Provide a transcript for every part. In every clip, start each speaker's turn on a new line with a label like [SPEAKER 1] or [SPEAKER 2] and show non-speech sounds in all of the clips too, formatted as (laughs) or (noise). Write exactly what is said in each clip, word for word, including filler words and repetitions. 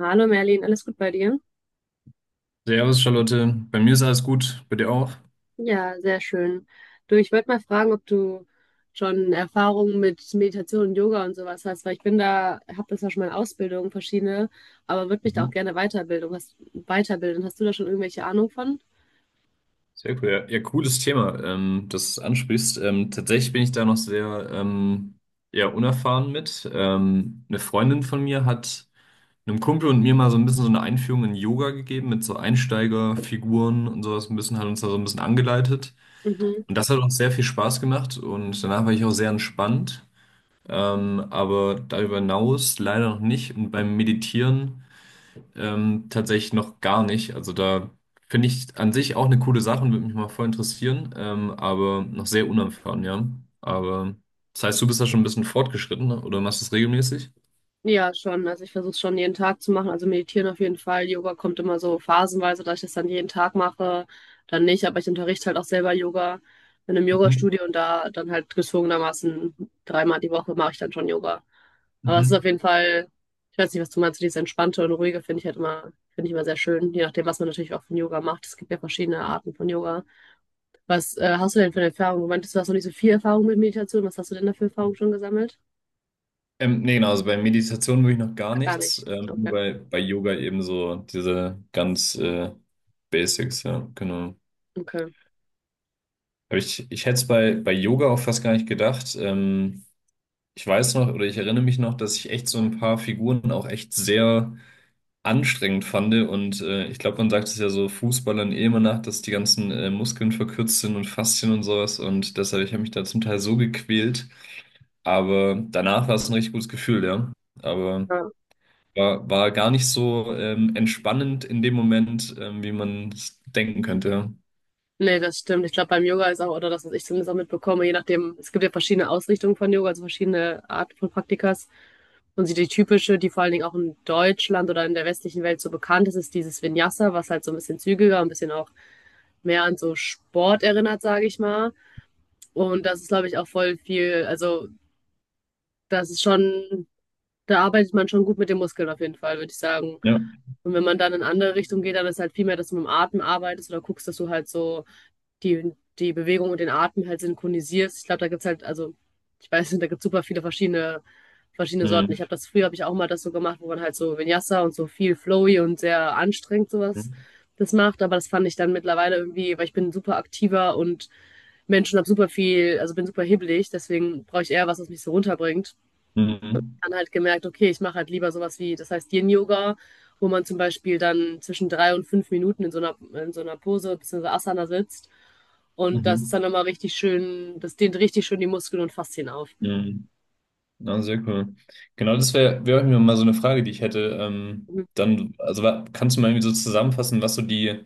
[SPEAKER 1] Hallo Merlin, alles gut bei dir?
[SPEAKER 2] Servus, Charlotte. Bei mir ist alles gut. Bei dir auch?
[SPEAKER 1] Ja, sehr schön. Du, ich wollte mal fragen, ob du schon Erfahrungen mit Meditation und Yoga und sowas hast, weil ich bin da, habe das ja schon mal in Ausbildung, verschiedene, aber würde mich da auch
[SPEAKER 2] Mhm.
[SPEAKER 1] gerne weiterbilden. Hast, weiterbilden. Hast du da schon irgendwelche Ahnung von?
[SPEAKER 2] Sehr cool. Ja, ja, cooles Thema, ähm, das du ansprichst. Ähm, tatsächlich bin ich da noch sehr ähm, ja, unerfahren mit. Ähm, eine Freundin von mir hat einem Kumpel und mir mal so ein bisschen so eine Einführung in Yoga gegeben mit so Einsteigerfiguren und sowas. Ein bisschen hat uns da so ein bisschen angeleitet.
[SPEAKER 1] Mhm.
[SPEAKER 2] Und das hat uns sehr viel Spaß gemacht und danach war ich auch sehr entspannt. Ähm, aber darüber hinaus leider noch nicht. Und beim Meditieren. Ähm, tatsächlich noch gar nicht. Also da finde ich an sich auch eine coole Sache und würde mich mal voll interessieren, ähm, aber noch sehr unerfahren, ja. Aber das heißt, du bist da schon ein bisschen fortgeschritten, ne? Oder machst du es regelmäßig?
[SPEAKER 1] Ja, schon. Also ich versuche es schon jeden Tag zu machen. Also meditieren auf jeden Fall. Yoga kommt immer so phasenweise, dass ich das dann jeden Tag mache, dann nicht. Aber ich unterrichte halt auch selber Yoga in einem
[SPEAKER 2] Mhm.
[SPEAKER 1] Yogastudio und da dann halt gezwungenermaßen dreimal die Woche mache ich dann schon Yoga. Aber es ist auf
[SPEAKER 2] Mhm.
[SPEAKER 1] jeden Fall, ich weiß nicht, was du meinst, dieses Entspannte und Ruhige finde ich halt immer, finde ich immer sehr schön, je nachdem, was man natürlich auch von Yoga macht. Es gibt ja verschiedene Arten von Yoga. Was äh, hast du denn für eine Erfahrung? Du meintest, du hast noch nicht so viel Erfahrung mit Meditation. Was hast du denn da für Erfahrung schon gesammelt?
[SPEAKER 2] Ähm, nee, genau, also bei Meditation würde ich noch gar
[SPEAKER 1] Gar
[SPEAKER 2] nichts,
[SPEAKER 1] nicht.
[SPEAKER 2] ähm, nur
[SPEAKER 1] Okay.
[SPEAKER 2] bei, bei Yoga eben so diese ganz äh, Basics, ja, genau.
[SPEAKER 1] Okay.
[SPEAKER 2] Aber ich, ich hätte es bei, bei Yoga auch fast gar nicht gedacht. Ähm, ich weiß noch oder ich erinnere mich noch, dass ich echt so ein paar Figuren auch echt sehr anstrengend fand. Und äh, ich glaube, man sagt es ja so Fußballern eh immer nach, dass die ganzen äh, Muskeln verkürzt sind und Faszien und sowas. Und deshalb, ich habe mich da zum Teil so gequält. Aber danach war es ein richtig gutes Gefühl, ja. Aber
[SPEAKER 1] Ja.
[SPEAKER 2] war, war gar nicht so ähm, entspannend in dem Moment, ähm, wie man es denken könnte.
[SPEAKER 1] Nee, das stimmt. Ich glaube, beim Yoga ist auch, oder das, was ich zumindest auch mitbekomme, je nachdem, es gibt ja verschiedene Ausrichtungen von Yoga, also verschiedene Arten von Praktikas. Und die typische, die vor allen Dingen auch in Deutschland oder in der westlichen Welt so bekannt ist, ist dieses Vinyasa, was halt so ein bisschen zügiger, ein bisschen auch mehr an so Sport erinnert, sage ich mal. Und das ist, glaube ich, auch voll viel, also das ist schon, da arbeitet man schon gut mit den Muskeln auf jeden Fall, würde ich sagen.
[SPEAKER 2] Ja.
[SPEAKER 1] Und wenn man dann in andere Richtung geht, dann ist halt viel mehr, dass du mit dem Atem arbeitest oder guckst, dass du halt so die, die Bewegung und den Atem halt synchronisierst. Ich glaube, da gibt's halt, also, ich weiß nicht, da gibt's super viele verschiedene, verschiedene
[SPEAKER 2] Ja.
[SPEAKER 1] Sorten. Ich
[SPEAKER 2] Mhm.
[SPEAKER 1] habe das früher, habe ich auch mal das so gemacht, wo man halt so Vinyasa und so viel flowy und sehr anstrengend sowas das macht. Aber das fand ich dann mittlerweile irgendwie, weil ich bin super aktiver und Menschen habe super viel, also bin super hibbelig, deswegen brauche ich eher was, was mich so runterbringt
[SPEAKER 2] Mhm.
[SPEAKER 1] dann halt gemerkt, okay, ich mache halt lieber sowas wie, das heißt Yin-Yoga, wo man zum Beispiel dann zwischen drei und fünf Minuten in so einer, in so einer Pose bzw. Asana sitzt. Und das ist
[SPEAKER 2] Mhm.
[SPEAKER 1] dann nochmal richtig schön, das dehnt richtig schön die Muskeln und Faszien auf.
[SPEAKER 2] Mhm. Na, sehr cool. Genau, das wäre wär wär auch mir mal so eine Frage, die ich hätte. Ähm,
[SPEAKER 1] Mhm.
[SPEAKER 2] dann, also wa- kannst du mal irgendwie so zusammenfassen, was so die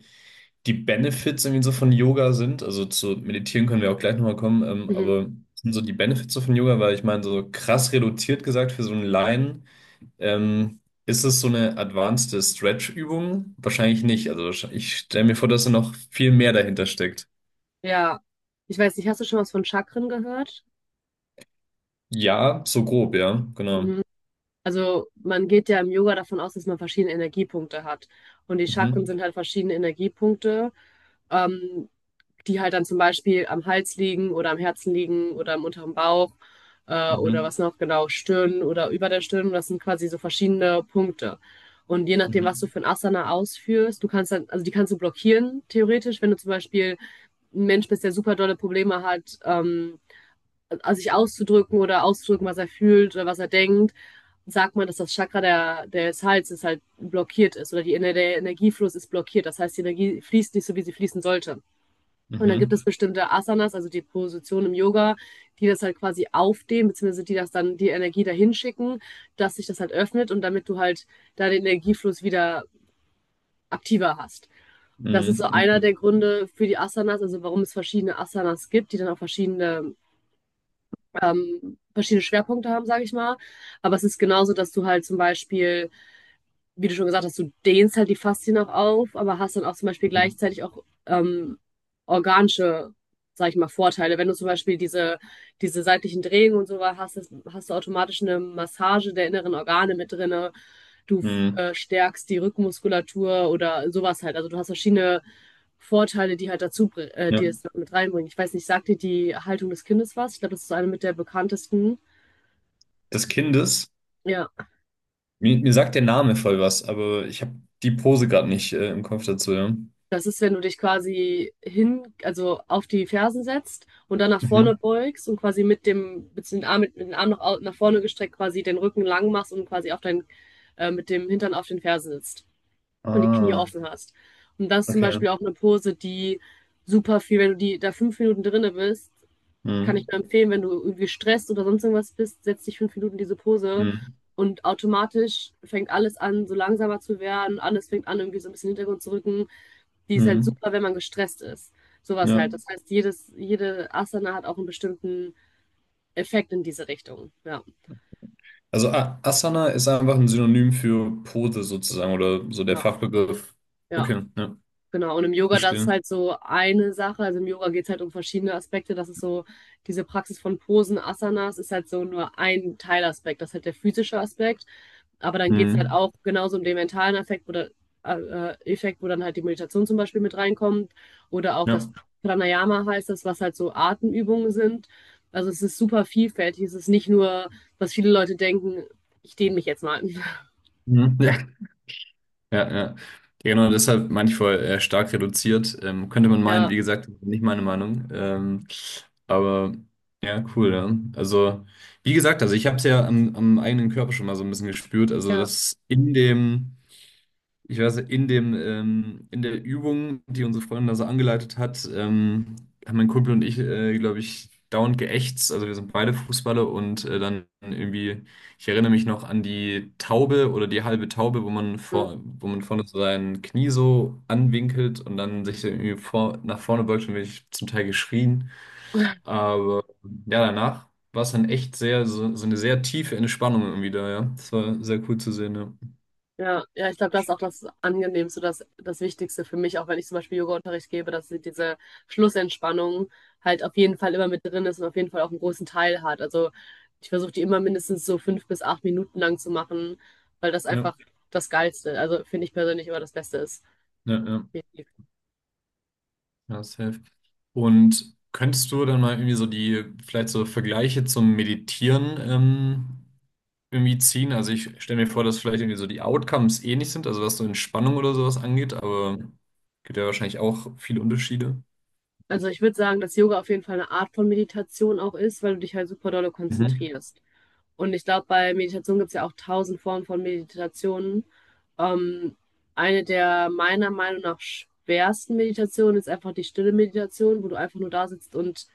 [SPEAKER 2] die Benefits irgendwie so von Yoga sind. Also zu meditieren können wir auch gleich nochmal kommen, ähm,
[SPEAKER 1] Mhm.
[SPEAKER 2] aber was sind so die Benefits so von Yoga, weil ich meine, so krass reduziert gesagt für so einen Laien, ähm, ist es so eine advanced Stretch-Übung? Wahrscheinlich nicht. Also wahrsch- ich stelle mir vor, dass da noch viel mehr dahinter steckt.
[SPEAKER 1] Ja, ich weiß nicht, hast du schon was von Chakren gehört?
[SPEAKER 2] Ja, so grob, ja, genau.
[SPEAKER 1] Mhm. Also man geht ja im Yoga davon aus, dass man verschiedene Energiepunkte hat. Und die Chakren
[SPEAKER 2] Mhm.
[SPEAKER 1] sind halt verschiedene Energiepunkte, ähm, die halt dann zum Beispiel am Hals liegen oder am Herzen liegen oder im unteren Bauch äh, oder
[SPEAKER 2] Mhm.
[SPEAKER 1] was noch genau, Stirn oder über der Stirn. Das sind quasi so verschiedene Punkte. Und je nachdem, was du
[SPEAKER 2] Mhm.
[SPEAKER 1] für ein Asana ausführst, du kannst dann, also die kannst du blockieren, theoretisch, wenn du zum Beispiel ein Mensch bist, der super dolle Probleme hat, ähm, äh, sich auszudrücken oder auszudrücken, was er fühlt oder was er denkt, sagt man, dass das Chakra der, des Halses halt blockiert ist oder die, der Energiefluss ist blockiert. Das heißt, die Energie fließt nicht so, wie sie fließen sollte. Und dann gibt
[SPEAKER 2] Mhm.
[SPEAKER 1] es bestimmte Asanas, also die Positionen im Yoga, die das halt quasi aufdehnen, beziehungsweise die das dann die Energie dahin schicken, dass sich das halt öffnet und damit du halt da den Energiefluss wieder aktiver hast. Das ist so
[SPEAKER 2] Mhm.
[SPEAKER 1] einer
[SPEAKER 2] Mhm.
[SPEAKER 1] der Gründe für die Asanas, also warum es verschiedene Asanas gibt, die dann auch verschiedene ähm, verschiedene Schwerpunkte haben, sage ich mal. Aber es ist genauso, dass du halt zum Beispiel wie du schon gesagt hast, du dehnst halt die Faszien auch auf, aber hast dann auch zum Beispiel
[SPEAKER 2] Mhm.
[SPEAKER 1] gleichzeitig auch ähm, organische, sag ich mal, Vorteile. Wenn du zum Beispiel diese, diese seitlichen Drehungen und so weiter hast, das, hast du automatisch eine Massage der inneren Organe mit drinne. Du
[SPEAKER 2] Mhm.
[SPEAKER 1] äh, stärkst die Rückenmuskulatur oder sowas halt. Also du hast verschiedene Vorteile, die halt dazu, äh,
[SPEAKER 2] Ja.
[SPEAKER 1] die es mit reinbringen. Ich weiß nicht, sagt dir die Haltung des Kindes was? Ich glaube, das ist eine mit der bekanntesten.
[SPEAKER 2] Des Kindes.
[SPEAKER 1] Ja.
[SPEAKER 2] Mir, mir sagt der Name voll was, aber ich habe die Pose gerade nicht äh, im Kopf dazu, ja.
[SPEAKER 1] Das ist, wenn du dich quasi hin, also auf die Fersen setzt und dann nach
[SPEAKER 2] Mhm.
[SPEAKER 1] vorne beugst und quasi mit dem, mit den Arm, mit, mit dem Arm nach, au- nach vorne gestreckt quasi den Rücken lang machst und quasi auf dein, äh, mit dem Hintern auf den Fersen sitzt und die Knie
[SPEAKER 2] Ah,
[SPEAKER 1] offen hast. Und das ist zum
[SPEAKER 2] okay.
[SPEAKER 1] Beispiel auch eine Pose, die super viel, wenn du die da fünf Minuten drinne bist, kann ich
[SPEAKER 2] Mhm.
[SPEAKER 1] nur empfehlen, wenn du irgendwie gestresst oder sonst irgendwas bist, setz dich fünf Minuten in diese Pose
[SPEAKER 2] Mhm.
[SPEAKER 1] und automatisch fängt alles an, so langsamer zu werden, alles fängt an, irgendwie so ein bisschen in den Hintergrund zu rücken. Die ist halt
[SPEAKER 2] Mhm.
[SPEAKER 1] super, wenn man gestresst ist. Sowas
[SPEAKER 2] Ja.
[SPEAKER 1] halt. Das heißt, jedes, jede Asana hat auch einen bestimmten Effekt in diese Richtung. Ja,
[SPEAKER 2] Also A Asana ist einfach ein Synonym für Pose sozusagen oder so der
[SPEAKER 1] genau.
[SPEAKER 2] Fachbegriff.
[SPEAKER 1] Ja.
[SPEAKER 2] Okay, ja,
[SPEAKER 1] Genau, und im Yoga, das ist
[SPEAKER 2] verstehe.
[SPEAKER 1] halt so eine Sache. Also im Yoga geht es halt um verschiedene Aspekte. Das ist so, diese Praxis von Posen, Asanas, ist halt so nur ein Teilaspekt. Das ist halt der physische Aspekt. Aber dann geht es halt
[SPEAKER 2] Mhm.
[SPEAKER 1] auch genauso um den mentalen Effekt, wo, da, äh, Effekt, wo dann halt die Meditation zum Beispiel mit reinkommt. Oder auch das
[SPEAKER 2] Ja.
[SPEAKER 1] Pranayama heißt das, was halt so Atemübungen sind. Also es ist super vielfältig. Es ist nicht nur, was viele Leute denken, ich dehne mich jetzt mal. (laughs)
[SPEAKER 2] Mhm. (laughs) Ja. Ja, ja. Ja, genau, deshalb manchmal äh, stark reduziert. Ähm, könnte man meinen,
[SPEAKER 1] Ja,
[SPEAKER 2] wie gesagt, nicht meine Meinung. Ähm, aber ja, cool, ja. Also, wie gesagt, also ich habe es ja am, am eigenen Körper schon mal so ein bisschen gespürt. Also,
[SPEAKER 1] ja.
[SPEAKER 2] dass in dem ich weiß, in dem, ähm, in der Übung, die unsere Freundin da so angeleitet hat, ähm, haben mein Kumpel und ich, äh, glaube ich, dauernd geächtzt. Also wir sind beide Fußballer und äh, dann irgendwie, ich erinnere mich noch an die Taube oder die halbe Taube, wo man vor, wo man vorne so sein Knie so anwinkelt und dann sich so irgendwie vor, nach vorne beugt und wirklich zum Teil geschrien. Aber ja, danach war es dann echt sehr, so, so eine sehr tiefe Entspannung irgendwie da, ja. Das war sehr cool zu sehen, ja.
[SPEAKER 1] Ja, ja, ich glaube, das ist auch das Angenehmste, das, das Wichtigste für mich, auch wenn ich zum Beispiel Yoga-Unterricht gebe, dass sie diese Schlussentspannung halt auf jeden Fall immer mit drin ist und auf jeden Fall auch einen großen Teil hat. Also ich versuche die immer mindestens so fünf bis acht Minuten lang zu machen, weil das
[SPEAKER 2] Ja,
[SPEAKER 1] einfach das Geilste, also finde ich persönlich immer das Beste ist.
[SPEAKER 2] ja, ja.
[SPEAKER 1] Definitiv.
[SPEAKER 2] Ja, safe. Und könntest du dann mal irgendwie so die, vielleicht so Vergleiche zum Meditieren ähm, irgendwie ziehen? Also ich stelle mir vor, dass vielleicht irgendwie so die Outcomes ähnlich sind, also was so Entspannung oder sowas angeht, aber gibt ja wahrscheinlich auch viele Unterschiede.
[SPEAKER 1] Also ich würde sagen, dass Yoga auf jeden Fall eine Art von Meditation auch ist, weil du dich halt super dolle
[SPEAKER 2] Mhm.
[SPEAKER 1] konzentrierst. Und ich glaube, bei Meditation gibt es ja auch tausend Formen von Meditationen. Ähm, eine der meiner Meinung nach schwersten Meditationen ist einfach die stille Meditation, wo du einfach nur da sitzt und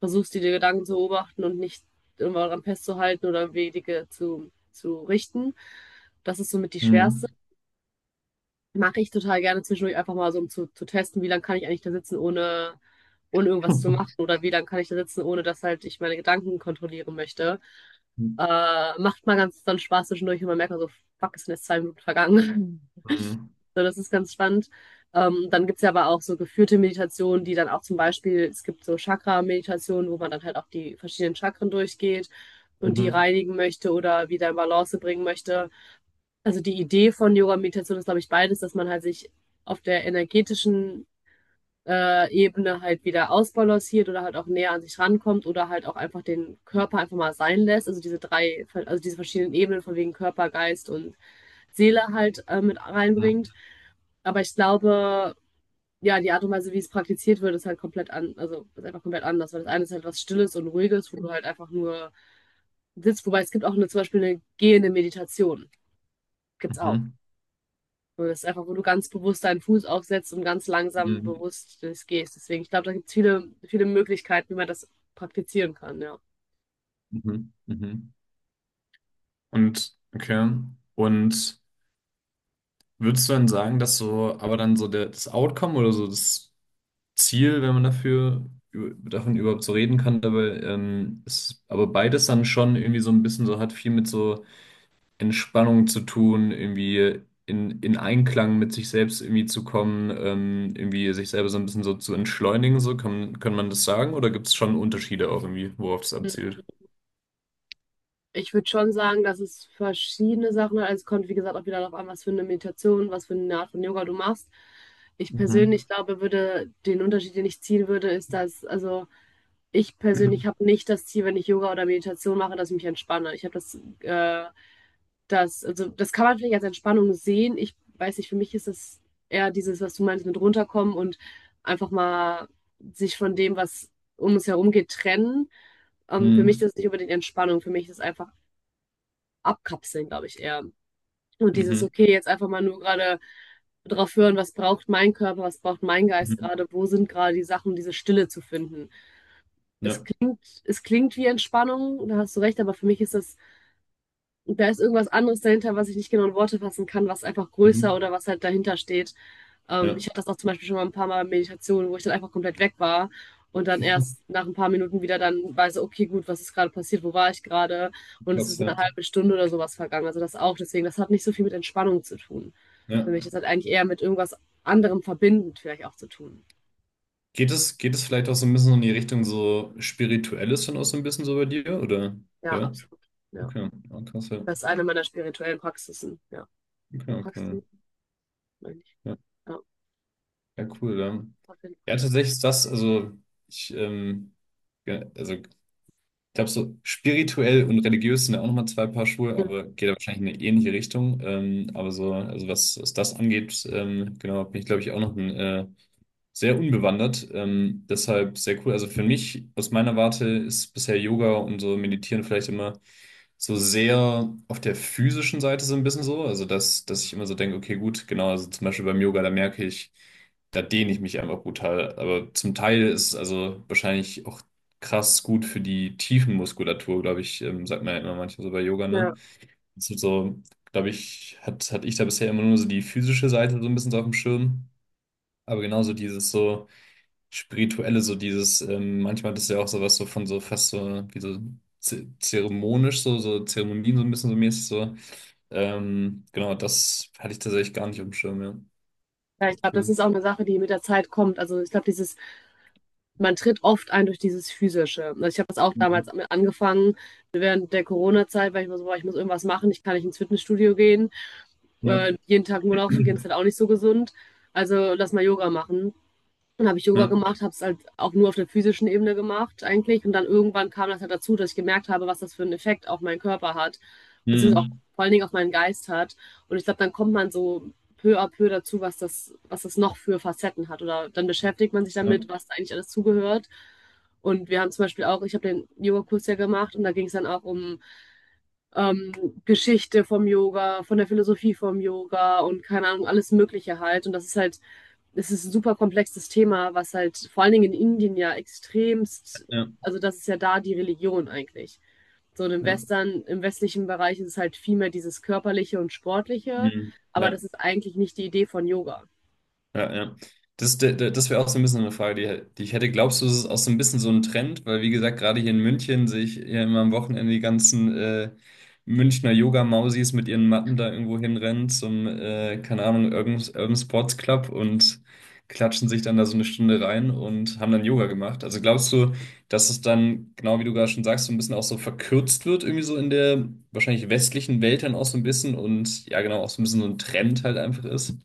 [SPEAKER 1] versuchst, die Gedanken zu beobachten und nicht irgendwann daran festzuhalten oder Wege zu, zu richten. Das ist somit die schwerste.
[SPEAKER 2] Mhm.
[SPEAKER 1] Mache ich total gerne zwischendurch einfach mal so, um zu, zu testen, wie lange kann ich eigentlich da sitzen, ohne, ohne irgendwas zu machen
[SPEAKER 2] (laughs)
[SPEAKER 1] oder wie lange kann ich da sitzen, ohne dass halt ich meine Gedanken kontrollieren möchte. Äh, macht mal ganz dann Spaß zwischendurch und man merkt dann so, fuck, es sind jetzt zwei Minuten vergangen. (laughs)
[SPEAKER 2] Mhm.
[SPEAKER 1] So, das ist ganz spannend. Ähm, dann gibt's ja aber auch so geführte Meditationen, die dann auch zum Beispiel, es gibt so Chakra-Meditationen, wo man dann halt auch die verschiedenen Chakren durchgeht und die
[SPEAKER 2] Mhm.
[SPEAKER 1] reinigen möchte oder wieder in Balance bringen möchte also die Idee von Yoga Meditation ist, glaube ich, beides, dass man halt sich auf der energetischen äh, Ebene halt wieder ausbalanciert oder halt auch näher an sich rankommt oder halt auch einfach den Körper einfach mal sein lässt. Also diese drei, also diese verschiedenen Ebenen von wegen Körper, Geist und Seele halt äh, mit
[SPEAKER 2] Mhm.
[SPEAKER 1] reinbringt. Aber ich glaube, ja, die Art und Weise, wie es praktiziert wird, ist halt komplett an, also ist einfach komplett anders. Weil das eine ist halt was Stilles und Ruhiges, wo du halt einfach nur sitzt. Wobei es gibt auch eine, zum Beispiel eine gehende Meditation. Gibt's auch.
[SPEAKER 2] Mhm.
[SPEAKER 1] Und das ist einfach, wo du ganz bewusst deinen Fuß aufsetzt und ganz
[SPEAKER 2] Mhm.
[SPEAKER 1] langsam
[SPEAKER 2] Mhm.
[SPEAKER 1] bewusst das gehst. Deswegen, ich glaube, da gibt es viele, viele Möglichkeiten, wie man das praktizieren kann, ja.
[SPEAKER 2] Mhm. Mhm. Und, okay. Und würdest du dann sagen, dass so, aber dann so der, das Outcome oder so das Ziel, wenn man dafür über- davon überhaupt so reden kann, dabei ähm, ist aber beides dann schon irgendwie so ein bisschen so hat viel mit so Entspannung zu tun, irgendwie in, in Einklang mit sich selbst irgendwie zu kommen, ähm, irgendwie sich selber so ein bisschen so zu entschleunigen, so kann, kann man das sagen, oder gibt es schon Unterschiede auch irgendwie, worauf das abzielt?
[SPEAKER 1] Ich würde schon sagen, dass es verschiedene Sachen hat. Also es kommt, wie gesagt, auch wieder darauf an, was für eine Meditation, was für eine Art von Yoga du machst. Ich
[SPEAKER 2] Mhm.
[SPEAKER 1] persönlich glaube, würde, den Unterschied, den ich ziehen würde, ist, dass, also ich
[SPEAKER 2] Mhm.
[SPEAKER 1] persönlich habe nicht das Ziel, wenn ich Yoga oder Meditation mache, dass ich mich entspanne. Ich habe das äh, das, also das kann man vielleicht als Entspannung sehen. Ich weiß nicht, für mich ist das eher dieses, was du meinst, mit runterkommen und einfach mal sich von dem, was um uns herum geht, trennen. Ähm, für mich
[SPEAKER 2] Mhm.
[SPEAKER 1] ist das nicht unbedingt Entspannung, für mich ist das einfach abkapseln, glaube ich, eher. Und dieses, okay, jetzt einfach mal nur gerade drauf hören, was braucht mein Körper, was braucht mein Geist
[SPEAKER 2] Mhm.
[SPEAKER 1] gerade, wo sind gerade die Sachen, um diese Stille zu finden. Es
[SPEAKER 2] Ja.
[SPEAKER 1] klingt, es klingt wie Entspannung, da hast du recht, aber für mich ist das. Und da ist irgendwas anderes dahinter, was ich nicht genau in Worte fassen kann, was einfach größer
[SPEAKER 2] Mhm.
[SPEAKER 1] oder was halt dahinter steht. Ähm,
[SPEAKER 2] Ja.
[SPEAKER 1] ich hatte das auch zum Beispiel schon mal ein paar Mal Meditationen, wo ich dann einfach komplett weg war und dann erst
[SPEAKER 2] (laughs)
[SPEAKER 1] nach ein paar Minuten wieder dann weiß, okay, gut, was ist gerade passiert, wo war ich gerade? Und es
[SPEAKER 2] Krass,
[SPEAKER 1] ist eine
[SPEAKER 2] ja.
[SPEAKER 1] halbe Stunde oder sowas vergangen. Also das auch. Deswegen, das hat nicht so viel mit Entspannung zu tun. Für
[SPEAKER 2] Ja.
[SPEAKER 1] mich, das hat eigentlich eher mit irgendwas anderem verbindend vielleicht auch zu tun.
[SPEAKER 2] Geht es, geht es vielleicht auch so ein bisschen in die Richtung so Spirituelles dann auch so ein bisschen so bei dir, oder?
[SPEAKER 1] Ja,
[SPEAKER 2] Ja?
[SPEAKER 1] absolut. Ja.
[SPEAKER 2] Okay, ja, krass, ja.
[SPEAKER 1] Das ist eine meiner spirituellen Praxisen. Ja.
[SPEAKER 2] Okay, okay.
[SPEAKER 1] Praxisen, meine ich.
[SPEAKER 2] Ja,
[SPEAKER 1] Ja,
[SPEAKER 2] ja, cool, ja.
[SPEAKER 1] auf jeden
[SPEAKER 2] Ja,
[SPEAKER 1] Fall.
[SPEAKER 2] tatsächlich ist das, also ich, ähm, ja, also ich glaube, so spirituell und religiös sind ja auch nochmal zwei Paar Schuhe, aber geht ja wahrscheinlich in eine ähnliche Richtung. Ähm, aber so, also was, was das angeht, ähm, genau, bin ich, glaube ich, auch noch ein äh, sehr unbewandert, ähm, deshalb sehr cool. Also für mich, aus meiner Warte, ist bisher Yoga und so Meditieren vielleicht immer so sehr auf der physischen Seite so ein bisschen so. Also dass, dass ich immer so denke, okay, gut, genau, also zum Beispiel beim Yoga, da merke ich, da dehne ich mich einfach brutal. Aber zum Teil ist es also wahrscheinlich auch krass gut für die Tiefenmuskulatur, glaube ich, ähm, sagt man ja immer manchmal so bei Yoga, ne?
[SPEAKER 1] Ja.
[SPEAKER 2] Das ist so, glaube ich, hat, hatte ich da bisher immer nur so die physische Seite so ein bisschen so auf dem Schirm. Aber genauso dieses so Spirituelle, so dieses, ähm, manchmal das ist ja auch sowas so von so fast so, wie so ze- zeremonisch, so, so Zeremonien so ein bisschen so mäßig so. Ähm, genau, das hatte ich tatsächlich gar nicht auf dem Schirm, ja.
[SPEAKER 1] Ja,
[SPEAKER 2] Oh,
[SPEAKER 1] ich glaube, das
[SPEAKER 2] cool.
[SPEAKER 1] ist auch eine Sache, die mit der Zeit kommt. Also ich glaube, dieses, man tritt oft ein durch dieses Physische. Also ich habe das auch
[SPEAKER 2] Mhm.
[SPEAKER 1] damals angefangen, während der Corona-Zeit, weil ich mir so war, ich muss irgendwas machen, ich kann nicht ins Fitnessstudio gehen.
[SPEAKER 2] Ja.
[SPEAKER 1] Äh, jeden Tag nur laufen gehen ist
[SPEAKER 2] (clears throat)
[SPEAKER 1] halt auch nicht so gesund. Also lass mal Yoga machen. Dann habe ich Yoga
[SPEAKER 2] Ja.
[SPEAKER 1] gemacht, habe es halt auch nur auf der physischen Ebene gemacht eigentlich. Und dann irgendwann kam das halt dazu, dass ich gemerkt habe, was das für einen Effekt auf meinen Körper hat,
[SPEAKER 2] Mhm.
[SPEAKER 1] vor allen Dingen auf meinen Geist hat. Und ich glaube, dann kommt man so peu à peu dazu, was das, was das noch für Facetten hat. Oder dann beschäftigt man sich damit,
[SPEAKER 2] Ja.
[SPEAKER 1] was da eigentlich alles zugehört. Und wir haben zum Beispiel auch, ich habe den Yoga-Kurs ja gemacht und da ging es dann auch um ähm, Geschichte vom Yoga, von der Philosophie vom Yoga und keine Ahnung, alles Mögliche halt. Und das ist halt, es ist ein super komplexes Thema, was halt vor allen Dingen in Indien ja extremst,
[SPEAKER 2] Ja.
[SPEAKER 1] also das ist ja da die Religion eigentlich. So im
[SPEAKER 2] Ja.
[SPEAKER 1] Western, im westlichen Bereich ist es halt viel mehr dieses körperliche und sportliche,
[SPEAKER 2] Mhm.
[SPEAKER 1] aber
[SPEAKER 2] Ja.
[SPEAKER 1] das ist eigentlich nicht die Idee von Yoga.
[SPEAKER 2] Ja, ja. Das, d- d- das wäre auch so ein bisschen so eine Frage, die, die ich hätte. Glaubst du, es ist auch so ein bisschen so ein Trend? Weil, wie gesagt, gerade hier in München sehe ich ja immer am Wochenende die ganzen äh, Münchner Yoga-Mausis mit ihren Matten da irgendwo hinrennen zum, äh, keine Ahnung, Urban, Urban Sports Club und klatschen sich dann da so eine Stunde rein und haben dann Yoga gemacht. Also glaubst du, dass es dann, genau wie du gerade schon sagst, so ein bisschen auch so verkürzt wird, irgendwie so in der wahrscheinlich westlichen Welt dann auch so ein bisschen und ja, genau, auch so ein bisschen so ein Trend halt einfach ist?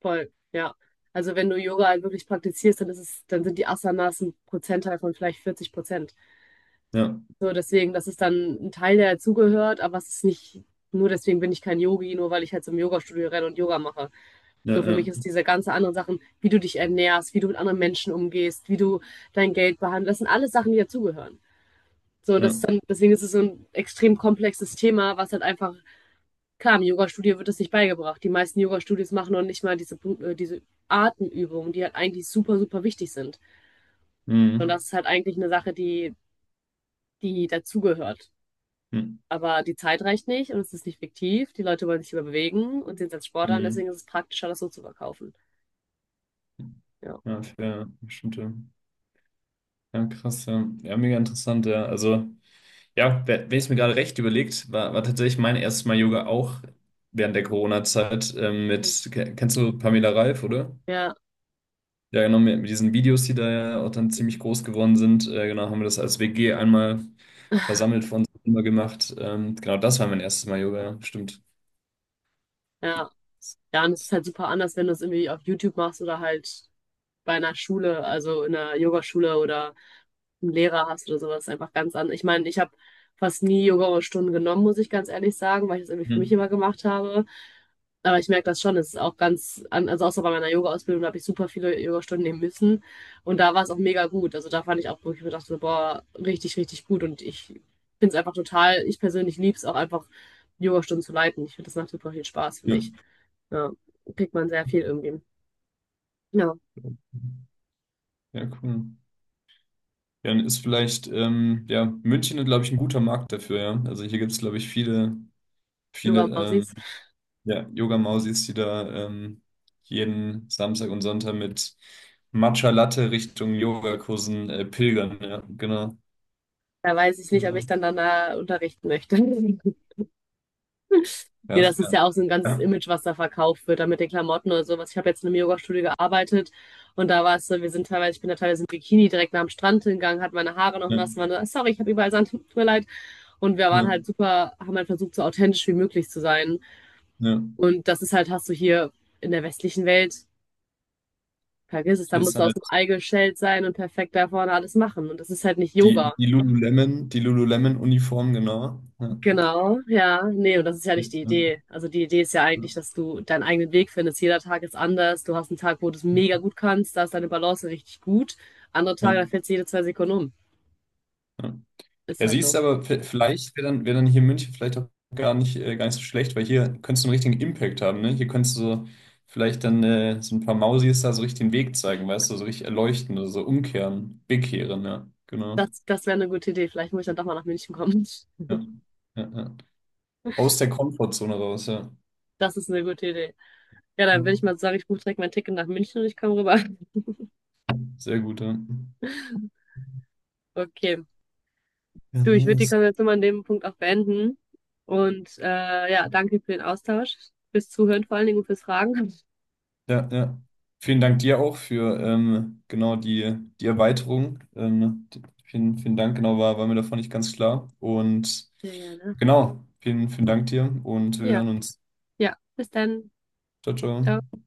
[SPEAKER 1] Voll, ja. Also wenn du Yoga halt wirklich praktizierst, dann ist es, dann sind die Asanas ein Prozentteil von vielleicht vierzig Prozent.
[SPEAKER 2] Ja,
[SPEAKER 1] So deswegen, das ist dann ein Teil, der dazugehört, aber es ist nicht, nur deswegen bin ich kein Yogi, nur weil ich halt zum Yoga-Studio renne und Yoga mache.
[SPEAKER 2] ja,
[SPEAKER 1] So für
[SPEAKER 2] ja.
[SPEAKER 1] mich ist diese ganze anderen Sachen, wie du dich ernährst, wie du mit anderen Menschen umgehst, wie du dein Geld behandelst, das sind alles Sachen, die dazugehören. So, und das
[SPEAKER 2] Ja.
[SPEAKER 1] ist dann, deswegen ist es so ein extrem komplexes Thema, was halt einfach, klar, im Yoga-Studio wird das nicht beigebracht. Die meisten Yoga-Studios machen noch nicht mal diese, äh, diese Atemübungen, die halt eigentlich super, super wichtig sind. Und
[SPEAKER 2] Mhm.
[SPEAKER 1] das ist halt eigentlich eine Sache, die, die dazugehört.
[SPEAKER 2] Mhm.
[SPEAKER 1] Aber die Zeit reicht nicht und es ist nicht fiktiv. Die Leute wollen sich überbewegen und sehen es als Sport an,
[SPEAKER 2] Mhm.
[SPEAKER 1] deswegen ist es praktischer, das so zu verkaufen. Ja.
[SPEAKER 2] Ja, für bestimmte. Ja, ja, krass, ja. Ja, mega interessant, ja. Also, ja, wer- wenn ich es mir gerade recht überlegt, war, war tatsächlich mein erstes Mal Yoga auch während der Corona-Zeit ähm, mit, ke- kennst du Pamela Reif, oder?
[SPEAKER 1] Ja,
[SPEAKER 2] Ja, genau, mit, mit diesen Videos, die da ja auch dann ziemlich groß geworden sind, äh, genau, haben wir das als W G einmal versammelt vor uns immer gemacht. Ähm, genau, das war mein erstes Mal Yoga, ja, stimmt.
[SPEAKER 1] ja. Ja, und es ist halt super anders, wenn du es irgendwie auf YouTube machst oder halt bei einer Schule, also in einer Yogaschule oder einen Lehrer hast oder sowas, ist einfach ganz anders. Ich meine, ich habe fast nie Yoga-Stunden genommen, muss ich ganz ehrlich sagen, weil ich das irgendwie für mich
[SPEAKER 2] Mhm.
[SPEAKER 1] immer gemacht habe. Aber ich merke das schon, es ist auch ganz, an- also außer bei meiner Yoga-Ausbildung, da habe ich super viele Yoga-Stunden nehmen müssen. Und da war es auch mega gut. Also da fand ich auch, wo ich mir dachte, so, boah, richtig, richtig gut. Und ich finde es einfach total, ich persönlich liebe es auch einfach, Yoga-Stunden zu leiten. Ich finde, das macht super viel Spaß für
[SPEAKER 2] Ja,
[SPEAKER 1] mich. Ja, kriegt man sehr viel irgendwie. Ja,
[SPEAKER 2] ja, cool. Dann ist vielleicht, ähm, ja, München, glaube ich, ein guter Markt dafür, ja. Also hier gibt es, glaube ich, viele, viele
[SPEAKER 1] Yoga-Mausis.
[SPEAKER 2] ähm, ja, Yoga-Mausis, die da ähm, jeden Samstag und Sonntag mit Matcha Latte Richtung Yogakursen äh, pilgern, ja, genau,
[SPEAKER 1] Da weiß ich nicht, ob ich
[SPEAKER 2] genau.
[SPEAKER 1] dann danach unterrichten möchte. (laughs) Nee,
[SPEAKER 2] Ja,
[SPEAKER 1] das ist
[SPEAKER 2] ja,
[SPEAKER 1] ja auch so ein ganzes
[SPEAKER 2] ja,
[SPEAKER 1] Image, was da verkauft wird, da mit den Klamotten oder sowas. Ich habe jetzt in einem Yoga Studio gearbeitet und da war es so, wir sind teilweise, ich bin da teilweise im Bikini direkt nach dem Strand hingegangen, hatte meine Haare noch
[SPEAKER 2] ja,
[SPEAKER 1] nass, war sorry, ich habe überall Sand, tut mir leid. Und wir waren
[SPEAKER 2] ja,
[SPEAKER 1] halt super, haben halt versucht, so authentisch wie möglich zu sein.
[SPEAKER 2] ja.
[SPEAKER 1] Und das ist halt, hast du hier in der westlichen Welt, vergiss es, da
[SPEAKER 2] Hier ist
[SPEAKER 1] musst du aus
[SPEAKER 2] halt
[SPEAKER 1] dem Ei geschält sein und perfekt da vorne alles machen. Und das ist halt nicht
[SPEAKER 2] die,
[SPEAKER 1] Yoga.
[SPEAKER 2] die Lululemon, die Lululemon-Uniform, genau. Ja,
[SPEAKER 1] Genau, ja. Nee, und das ist ja nicht die
[SPEAKER 2] ist, ja,
[SPEAKER 1] Idee. Also die Idee ist ja
[SPEAKER 2] ja,
[SPEAKER 1] eigentlich, dass du deinen eigenen Weg findest. Jeder Tag ist anders. Du hast einen Tag, wo du es mega gut kannst, da ist deine Balance richtig gut. Andere Tage,
[SPEAKER 2] ja.
[SPEAKER 1] da fällt es jede zwei Sekunden um.
[SPEAKER 2] Ja.
[SPEAKER 1] Ist
[SPEAKER 2] Ja,
[SPEAKER 1] halt
[SPEAKER 2] siehst
[SPEAKER 1] so.
[SPEAKER 2] du, aber v- vielleicht wäre dann, wär dann hier in München vielleicht auch gar nicht, äh, gar nicht so schlecht, weil hier könntest du einen richtigen Impact haben, ne? Hier könntest du so vielleicht dann äh, so ein paar Mausis da so richtig den Weg zeigen, weißt du, so richtig erleuchten oder so umkehren, bekehren, ja, genau.
[SPEAKER 1] Das, das wäre eine gute Idee. Vielleicht muss ich dann doch mal nach München kommen. (laughs)
[SPEAKER 2] Ja, ja, ja. Aus der Komfortzone raus, ja.
[SPEAKER 1] Das ist eine gute Idee. Ja,
[SPEAKER 2] Ja,
[SPEAKER 1] dann würde ich mal sagen, ich buche direkt mein Ticket nach München und ich komme rüber. (laughs)
[SPEAKER 2] sehr gut, ja.
[SPEAKER 1] Okay.
[SPEAKER 2] Ja,
[SPEAKER 1] Du, ich würde die
[SPEAKER 2] nice.
[SPEAKER 1] Konversation mal an dem Punkt auch beenden. Und äh, ja, danke für den Austausch, fürs Zuhören vor allen Dingen und fürs Fragen.
[SPEAKER 2] Ja, ja. Vielen Dank dir auch für ähm, genau die, die Erweiterung. Ähm, die, vielen, vielen Dank, genau, war, war mir davon nicht ganz klar. Und
[SPEAKER 1] Sehr gerne.
[SPEAKER 2] genau, vielen, vielen Dank dir und wir
[SPEAKER 1] Ja,
[SPEAKER 2] hören uns.
[SPEAKER 1] ja. Bis dann.
[SPEAKER 2] Ciao,
[SPEAKER 1] Ciao.
[SPEAKER 2] ciao.